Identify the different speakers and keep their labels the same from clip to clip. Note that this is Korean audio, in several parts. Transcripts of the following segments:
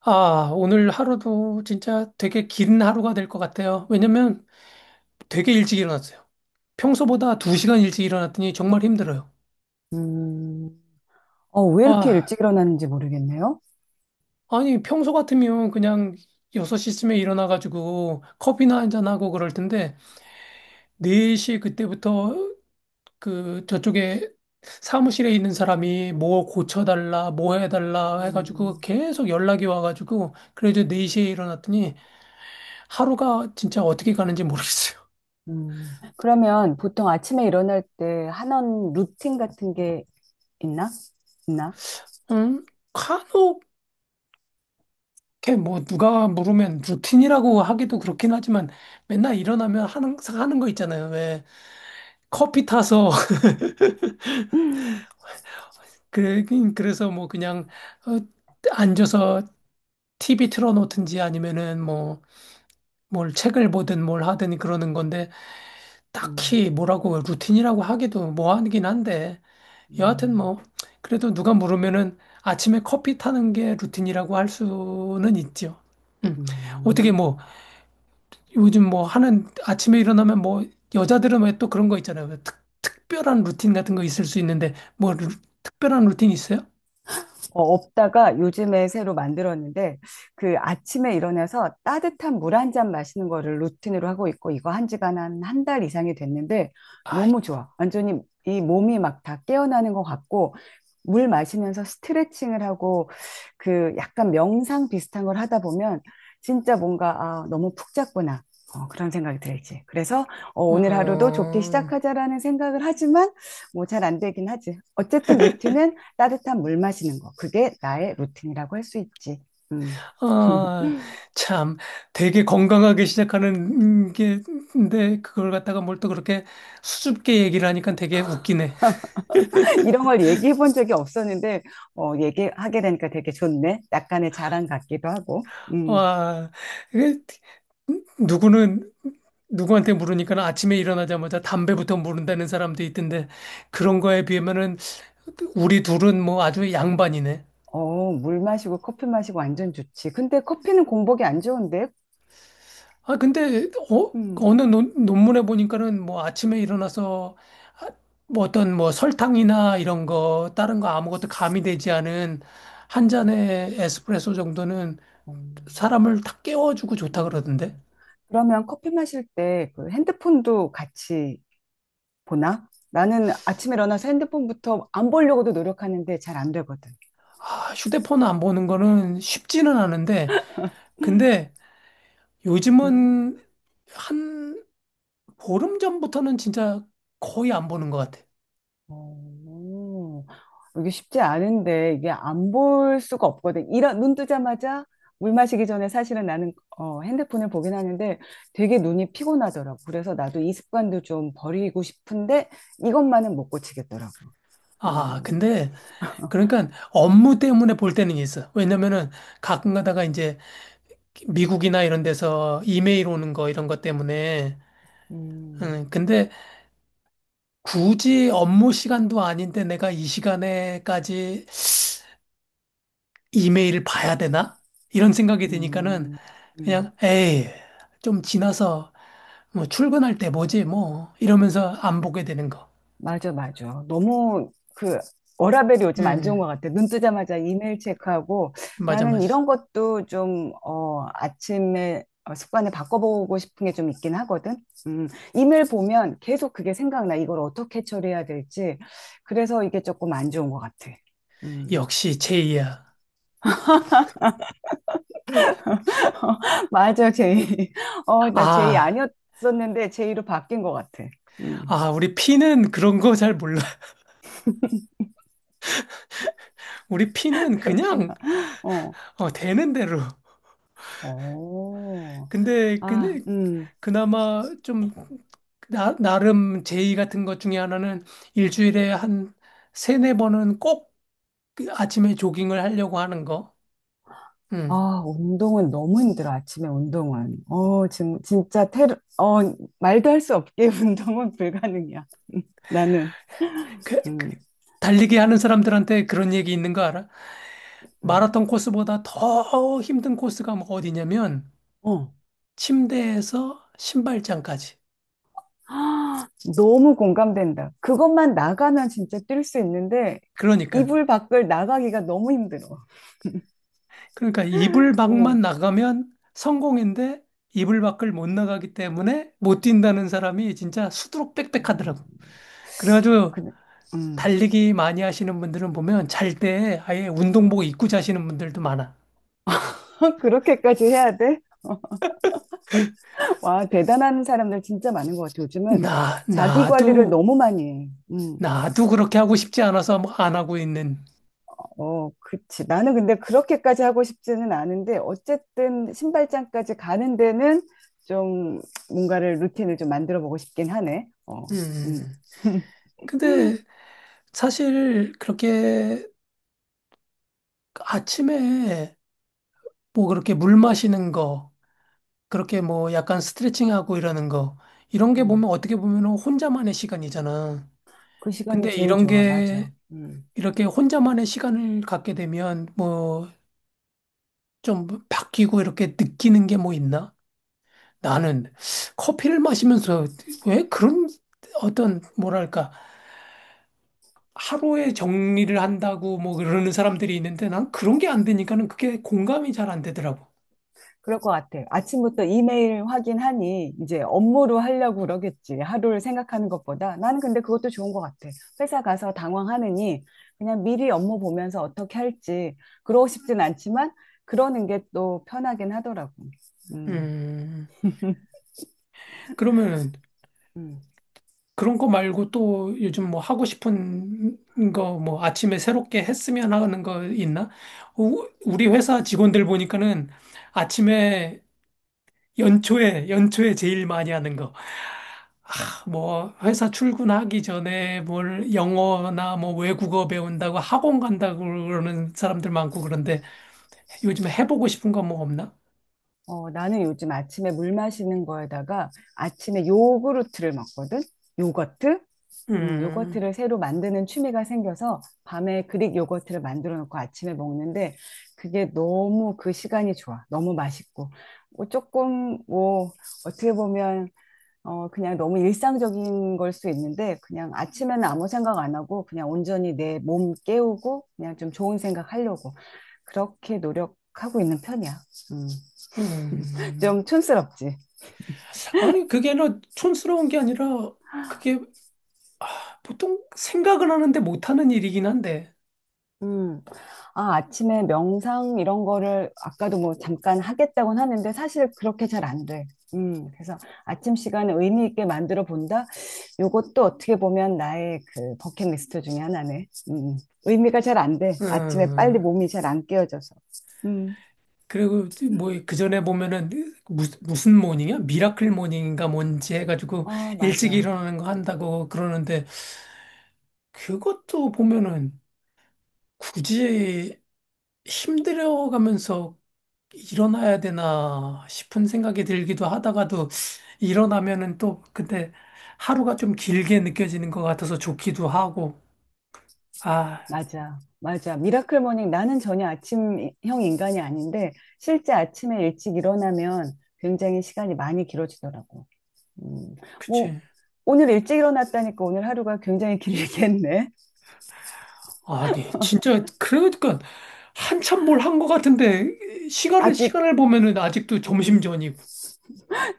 Speaker 1: 아, 오늘 하루도 진짜 되게 긴 하루가 될 것 같아요. 왜냐면 되게 일찍 일어났어요. 평소보다 2시간 일찍 일어났더니 정말 힘들어요.
Speaker 2: 음, 왜 이렇게
Speaker 1: 아,
Speaker 2: 일찍 일어나는지 모르겠네요.
Speaker 1: 아니, 평소 같으면 그냥 6시쯤에 일어나가지고 커피나 한잔하고 그럴 텐데, 4시 그때부터 그 저쪽에 사무실에 있는 사람이 뭐 고쳐달라, 뭐 해달라
Speaker 2: 음,
Speaker 1: 해가지고 계속 연락이 와가지고, 그래도 4시에 일어났더니 하루가 진짜 어떻게 가는지 모르겠어요.
Speaker 2: 음, 그러면 보통 아침에 일어날 때 하는 루틴 같은 게 있나? 있나?
Speaker 1: 응? 간혹 이렇게 뭐 누가 물으면 루틴이라고 하기도 그렇긴 하지만 맨날 일어나면 하는 항상 하는 거 있잖아요. 왜 커피 타서 그 그래서 뭐 그냥 어, 앉아서 TV 틀어놓든지 아니면은 뭐 뭘 책을 보든 뭘 하든 그러는 건데
Speaker 2: 음,
Speaker 1: 딱히
Speaker 2: 음,
Speaker 1: 뭐라고 루틴이라고 하기도 뭐 하긴 한데 여하튼 뭐 그래도 누가 물으면은 아침에 커피 타는 게 루틴이라고 할 수는 있죠. 음.
Speaker 2: 음.
Speaker 1: 어떻게 뭐 요즘 뭐 하는 아침에 일어나면 뭐 여자들은 왜 또 그런 거 있잖아요. 왜 특별한 루틴 같은 거 있을 수 있는데 뭐 특별한 루틴 있어요?
Speaker 2: 없다가 요즘에 새로 만들었는데 그 아침에 일어나서 따뜻한 물 한잔 마시는 거를 루틴으로 하고 있고 이거 한 지가 한 달 이상이 됐는데 너무
Speaker 1: 아이고.
Speaker 2: 좋아. 완전히 이 몸이 막 다 깨어나는 것 같고 물 마시면서 스트레칭을 하고 그 약간 명상 비슷한 걸 하다 보면 진짜 뭔가 아, 너무 푹 잤구나. 그런 생각이 들지. 그래서 오늘 하루도 좋게
Speaker 1: 어,
Speaker 2: 시작하자라는 생각을 하지만 뭐 잘 안 되긴 하지. 어쨌든 루틴은 따뜻한 물 마시는 거. 그게 나의 루틴이라고 할 수 있지. 음.
Speaker 1: 아, 참, 되게 건강하게 시작하는 게, 근데 그걸 갖다가 뭘 또 그렇게 수줍게 얘기를 하니까 되게 웃기네.
Speaker 2: 이런 걸 얘기해 본 적이 없었는데, 얘기하게 되니까 되게 좋네. 약간의 자랑 같기도 하고. 음.
Speaker 1: 와, 이게 누구는, 누구한테 물으니까 아침에 일어나자마자 담배부터 물은다는 사람도 있던데, 그런 거에 비하면은 우리 둘은 뭐 아주 양반이네.
Speaker 2: 물 마시고 커피 마시고 완전 좋지. 근데 커피는 공복이 안 좋은데?
Speaker 1: 아, 근데,
Speaker 2: 음.
Speaker 1: 어느 논문에 보니까는 뭐 아침에 일어나서 아, 뭐 어떤 뭐 설탕이나 이런 거, 다른 거 아무것도 가미되지 않은 한 잔의 에스프레소 정도는
Speaker 2: 어,
Speaker 1: 사람을 탁 깨워주고 좋다 그러던데.
Speaker 2: 음. 그러면 커피 마실 때 그 핸드폰도 같이 보나? 나는 아침에 일어나서 핸드폰부터 안 보려고도 노력하는데 잘 안 되거든.
Speaker 1: 아, 휴대폰 안 보는 거는 쉽지는 않은데, 근데
Speaker 2: 음.
Speaker 1: 요즘은 한 보름 전부터는 진짜 거의 안 보는 것 같아.
Speaker 2: 어, 이게 쉽지 않은데 이게 안 볼 수가 없거든. 이런 눈 뜨자마자 물 마시기 전에 사실은 나는 핸드폰을 보긴 하는데 되게 눈이 피곤하더라고. 그래서 나도 이 습관도 좀 버리고 싶은데 이것만은 못 고치겠더라고.
Speaker 1: 아,
Speaker 2: 음,
Speaker 1: 근데 그러니까 업무 때문에 볼 때는 있어. 왜냐면은 가끔 가다가 이제 미국이나 이런 데서 이메일 오는 거 이런 것 때문에.
Speaker 2: 음,
Speaker 1: 근데 굳이 업무 시간도 아닌데 내가 이 시간에까지 이메일을 봐야 되나? 이런 생각이 드니까는
Speaker 2: 음,
Speaker 1: 그냥
Speaker 2: 음.
Speaker 1: 에이, 좀 지나서 뭐 출근할 때 보지 뭐 이러면서 안 보게 되는 거.
Speaker 2: 맞아, 맞아. 너무 그 워라밸이 요즘 안 좋은 것
Speaker 1: 음,
Speaker 2: 같아. 눈 뜨자마자 이메일 체크하고
Speaker 1: 맞아,
Speaker 2: 나는
Speaker 1: 맞아.
Speaker 2: 이런 것도 좀, 아침에 습관을 바꿔보고 싶은 게 좀 있긴 하거든. 음, 이메일 보면 계속 그게 생각나. 이걸 어떻게 처리해야 될지. 그래서 이게 조금 안 좋은 것 같아. 음.
Speaker 1: 역시 제이야.
Speaker 2: 맞아, 제이. 나 제이
Speaker 1: 아,
Speaker 2: 아니었었는데 제이로 바뀐 것 같아. 음,
Speaker 1: 우리 피는 그런 거 잘 몰라. 우리 피는
Speaker 2: 그렇구나.
Speaker 1: 그냥
Speaker 2: 어,
Speaker 1: 되는 대로.
Speaker 2: 오,
Speaker 1: 근데,
Speaker 2: 아,
Speaker 1: 근데,
Speaker 2: 음.
Speaker 1: 그나마 좀, 나름 제의 같은 것 중에 하나는 일주일에 한 세네 번은 꼭그 아침에 조깅을 하려고 하는 거. 음.
Speaker 2: 아, 운동은 너무 힘들어, 아침에 운동은. 지금 진짜 테러, 말도 할 수 없게 운동은 불가능이야. 나는.
Speaker 1: 그
Speaker 2: 음,
Speaker 1: 달리기 하는 사람들한테 그런 얘기 있는 거 알아?
Speaker 2: 음.
Speaker 1: 마라톤 코스보다 더 힘든 코스가 뭐 어디냐면,
Speaker 2: 어.
Speaker 1: 침대에서 신발장까지.
Speaker 2: 아, 너무 공감된다. 그것만 나가면 진짜 뛸 수 있는데,
Speaker 1: 그러니까.
Speaker 2: 이불 밖을 나가기가 너무 힘들어.
Speaker 1: 그러니까 이불
Speaker 2: 어.
Speaker 1: 밖만 나가면 성공인데 이불 밖을 못 나가기 때문에 못 뛴다는 사람이 진짜 수두룩
Speaker 2: 음,
Speaker 1: 빽빽하더라고. 그래가지고
Speaker 2: 그, 음.
Speaker 1: 달리기 많이 하시는 분들은 보면 잘 때 아예 운동복 입고 자시는 분들도 많아.
Speaker 2: 그렇게까지 해야 돼? 와, 대단한 사람들 진짜 많은 것 같아. 요즘은
Speaker 1: 나,
Speaker 2: 자기 관리를
Speaker 1: 나도,
Speaker 2: 너무 많이 해. 음.
Speaker 1: 나도 그렇게 하고 싶지 않아서 뭐안 하고 있는.
Speaker 2: 어, 그치. 나는 근데 그렇게까지 하고 싶지는 않은데, 어쨌든 신발장까지 가는 데는 좀 뭔가를 루틴을 좀 만들어 보고 싶긴 하네.
Speaker 1: 음.
Speaker 2: 음,
Speaker 1: 근데 사실 그렇게 아침에 뭐 그렇게 물 마시는 거 그렇게 뭐 약간 스트레칭하고 이러는 거 이런 게
Speaker 2: 음.
Speaker 1: 보면 어떻게 보면 혼자만의 시간이잖아.
Speaker 2: 그 시간이
Speaker 1: 근데
Speaker 2: 제일
Speaker 1: 이런
Speaker 2: 좋아. 맞아.
Speaker 1: 게
Speaker 2: 음.
Speaker 1: 이렇게 혼자만의 시간을 갖게 되면 뭐 좀 바뀌고 이렇게 느끼는 게 뭐 있나? 나는 커피를 마시면서 왜 그런 어떤 뭐랄까 하루에 정리를 한다고 뭐 그러는 사람들이 있는데 난 그런 게 안 되니까는 그게 공감이 잘 안 되더라고.
Speaker 2: 그럴 것 같아. 아침부터 이메일 확인하니 이제 업무로 하려고 그러겠지. 하루를 생각하는 것보다. 나는 근데 그것도 좋은 것 같아. 회사 가서 당황하느니 그냥 미리 업무 보면서 어떻게 할지. 그러고 싶진 않지만 그러는 게 또 편하긴 하더라고. 음.
Speaker 1: 음. 그러면
Speaker 2: 음.
Speaker 1: 그런 거 말고 또 요즘 뭐 하고 싶은 거 뭐 아침에 새롭게 했으면 하는 거 있나? 우리 회사 직원들 보니까는 아침에 연초에 연초에 제일 많이 하는 거. 아, 뭐 회사 출근하기 전에 뭘 영어나 뭐 외국어 배운다고 학원 간다고 그러는 사람들 많고 그런데 요즘에 해보고 싶은 거 뭐 없나?
Speaker 2: 나는 요즘 아침에 물 마시는 거에다가 아침에 요구르트를 먹거든? 요거트?
Speaker 1: 음,
Speaker 2: 요거트를 새로 만드는 취미가 생겨서 밤에 그릭 요거트를 만들어 놓고 아침에 먹는데 그게 너무 그 시간이 좋아. 너무 맛있고. 뭐 조금 뭐 어떻게 보면 그냥 너무 일상적인 걸 수 있는데 그냥 아침에는 아무 생각 안 하고 그냥 온전히 내 몸 깨우고 그냥 좀 좋은 생각 하려고 그렇게 노력하고 있는 편이야. 음.
Speaker 1: 음.
Speaker 2: 좀 촌스럽지.
Speaker 1: 아니, 그게 너 촌스러운 게 아니라 그게 보통 생각은 하는데 못하는 일이긴 한데,
Speaker 2: 음. 아, 아침에 명상 이런 거를 아까도 뭐 잠깐 하겠다고는 하는데 사실 그렇게 잘 안 돼. 음. 그래서 아침 시간을 의미 있게 만들어 본다? 요것도 어떻게 보면 나의 그 버킷리스트 중에 하나네. 음. 음. 의미가 잘 안 돼. 아침에
Speaker 1: 어,
Speaker 2: 빨리 몸이 잘 안 깨어져서. 음.
Speaker 1: 그리고 뭐 그 전에 보면은 무슨 모닝이야? 미라클 모닝인가 뭔지 해가지고
Speaker 2: 어,
Speaker 1: 일찍
Speaker 2: 맞아.
Speaker 1: 일어나는 거 한다고 그러는데 그것도 보면은 굳이 힘들어가면서 일어나야 되나 싶은 생각이 들기도 하다가도 일어나면은 또 근데 하루가 좀 길게 느껴지는 것 같아서 좋기도 하고, 아,
Speaker 2: 맞아. 맞아. 미라클 모닝 나는 전혀 아침형 인간이 아닌데 실제 아침에 일찍 일어나면 굉장히 시간이 많이 길어지더라고. 음, 뭐,
Speaker 1: 그치.
Speaker 2: 오늘 일찍 일어났다니까 오늘 하루가 굉장히 길겠네.
Speaker 1: 아니, 진짜, 그러니까, 한참 뭘 한 것 같은데,
Speaker 2: 아직
Speaker 1: 시간을 보면은 아직도 점심
Speaker 2: 음,
Speaker 1: 전이고.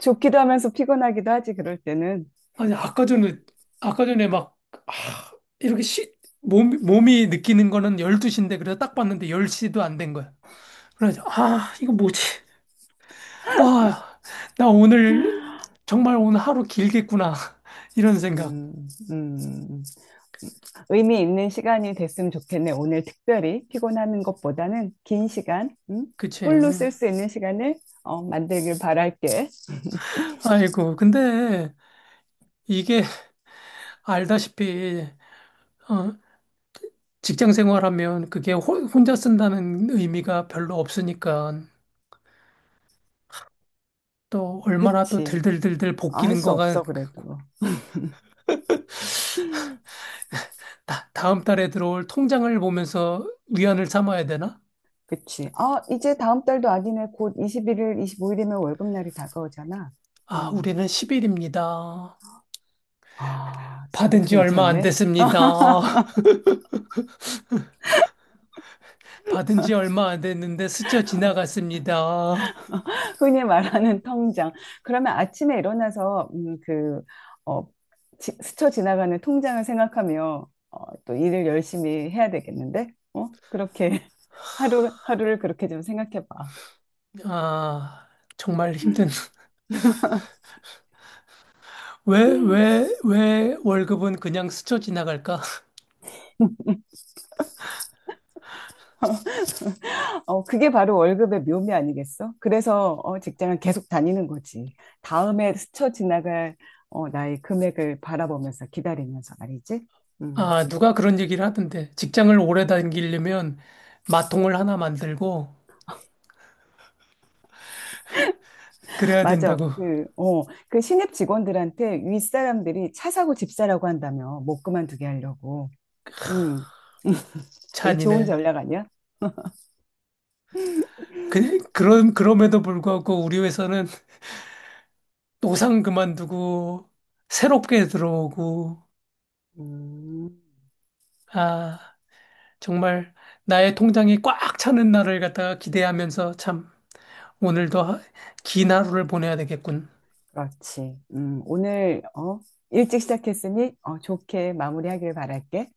Speaker 2: 좋기도 하면서 피곤하기도 하지, 그럴 때는.
Speaker 1: 아니, 아까 전에, 아까 전에 막, 아, 이렇게 시, 몸이 느끼는 거는 열두 시인데 그래서 딱 봤는데 열 시도 안 된 거야. 그래서, 아, 이거 뭐지? 와, 나 오늘, 정말 오늘 하루 길겠구나. 이런 생각.
Speaker 2: 음, 음, 의미 있는 시간이 됐으면 좋겠네. 오늘 특별히 피곤하는 것보다는 긴 시간, 음?
Speaker 1: 그치.
Speaker 2: 풀로 쓸
Speaker 1: 응.
Speaker 2: 수 있는 시간을 만들길 바랄게.
Speaker 1: 아이고, 근데, 이게 알다시피, 어, 직장 생활하면 그게 혼자 쓴다는 의미가 별로 없으니까 또 얼마나 또
Speaker 2: 그치.
Speaker 1: 들들들들
Speaker 2: 아, 할
Speaker 1: 볶이는
Speaker 2: 수
Speaker 1: 거가
Speaker 2: 없어,
Speaker 1: 그-
Speaker 2: 그래도.
Speaker 1: 다, 다음 달에 들어올 통장을 보면서 위안을 삼아야 되나?
Speaker 2: 그치. 아, 이제 다음 달도 아니네. 곧 21일, 25일이면 월급날이 다가오잖아.
Speaker 1: 아,
Speaker 2: 음.
Speaker 1: 우리는 10일입니다.
Speaker 2: 아,
Speaker 1: 받은
Speaker 2: 그것도
Speaker 1: 지 얼마 안
Speaker 2: 괜찮네.
Speaker 1: 됐습니다. 받은 지 얼마 안 됐는데 스쳐 지나갔습니다.
Speaker 2: 흔히 말하는 통장. 그러면 아침에 일어나서 어, 스쳐 지나가는 통장을 생각하며 또 일을 열심히 해야 되겠는데? 어? 그렇게 하루, 하루를 그렇게 좀 생각해 봐.
Speaker 1: 아, 정말 힘든. 왜 월급은 그냥 스쳐 지나갈까?
Speaker 2: 그게 바로 월급의 묘미 아니겠어? 그래서 직장을 계속 다니는 거지. 다음에 스쳐 지나갈 나의 금액을 바라보면서 기다리면서 말이지. 음.
Speaker 1: 아, 누가 그런 얘기를 하던데. 직장을 오래 다니려면 마통을 하나 만들고 그래야
Speaker 2: 맞아.
Speaker 1: 된다고.
Speaker 2: 그 신입 직원들한테 윗사람들이 차 사고 집 사라고 한다며. 못 그만두게 하려고. 음, 되게 좋은
Speaker 1: 찬이네.
Speaker 2: 전략 아니야?
Speaker 1: 그, 그런, 그럼에도 불구하고 우리 회사는 노상 그만두고 새롭게 들어오고,
Speaker 2: 음,
Speaker 1: 아, 정말 나의 통장이 꽉 차는 날을 갖다가 기대하면서 참 오늘도 긴 하루를 보내야 되겠군.
Speaker 2: 그렇지. 오늘, 어, 일찍 시작했으니, 어, 좋게 마무리하길 바랄게.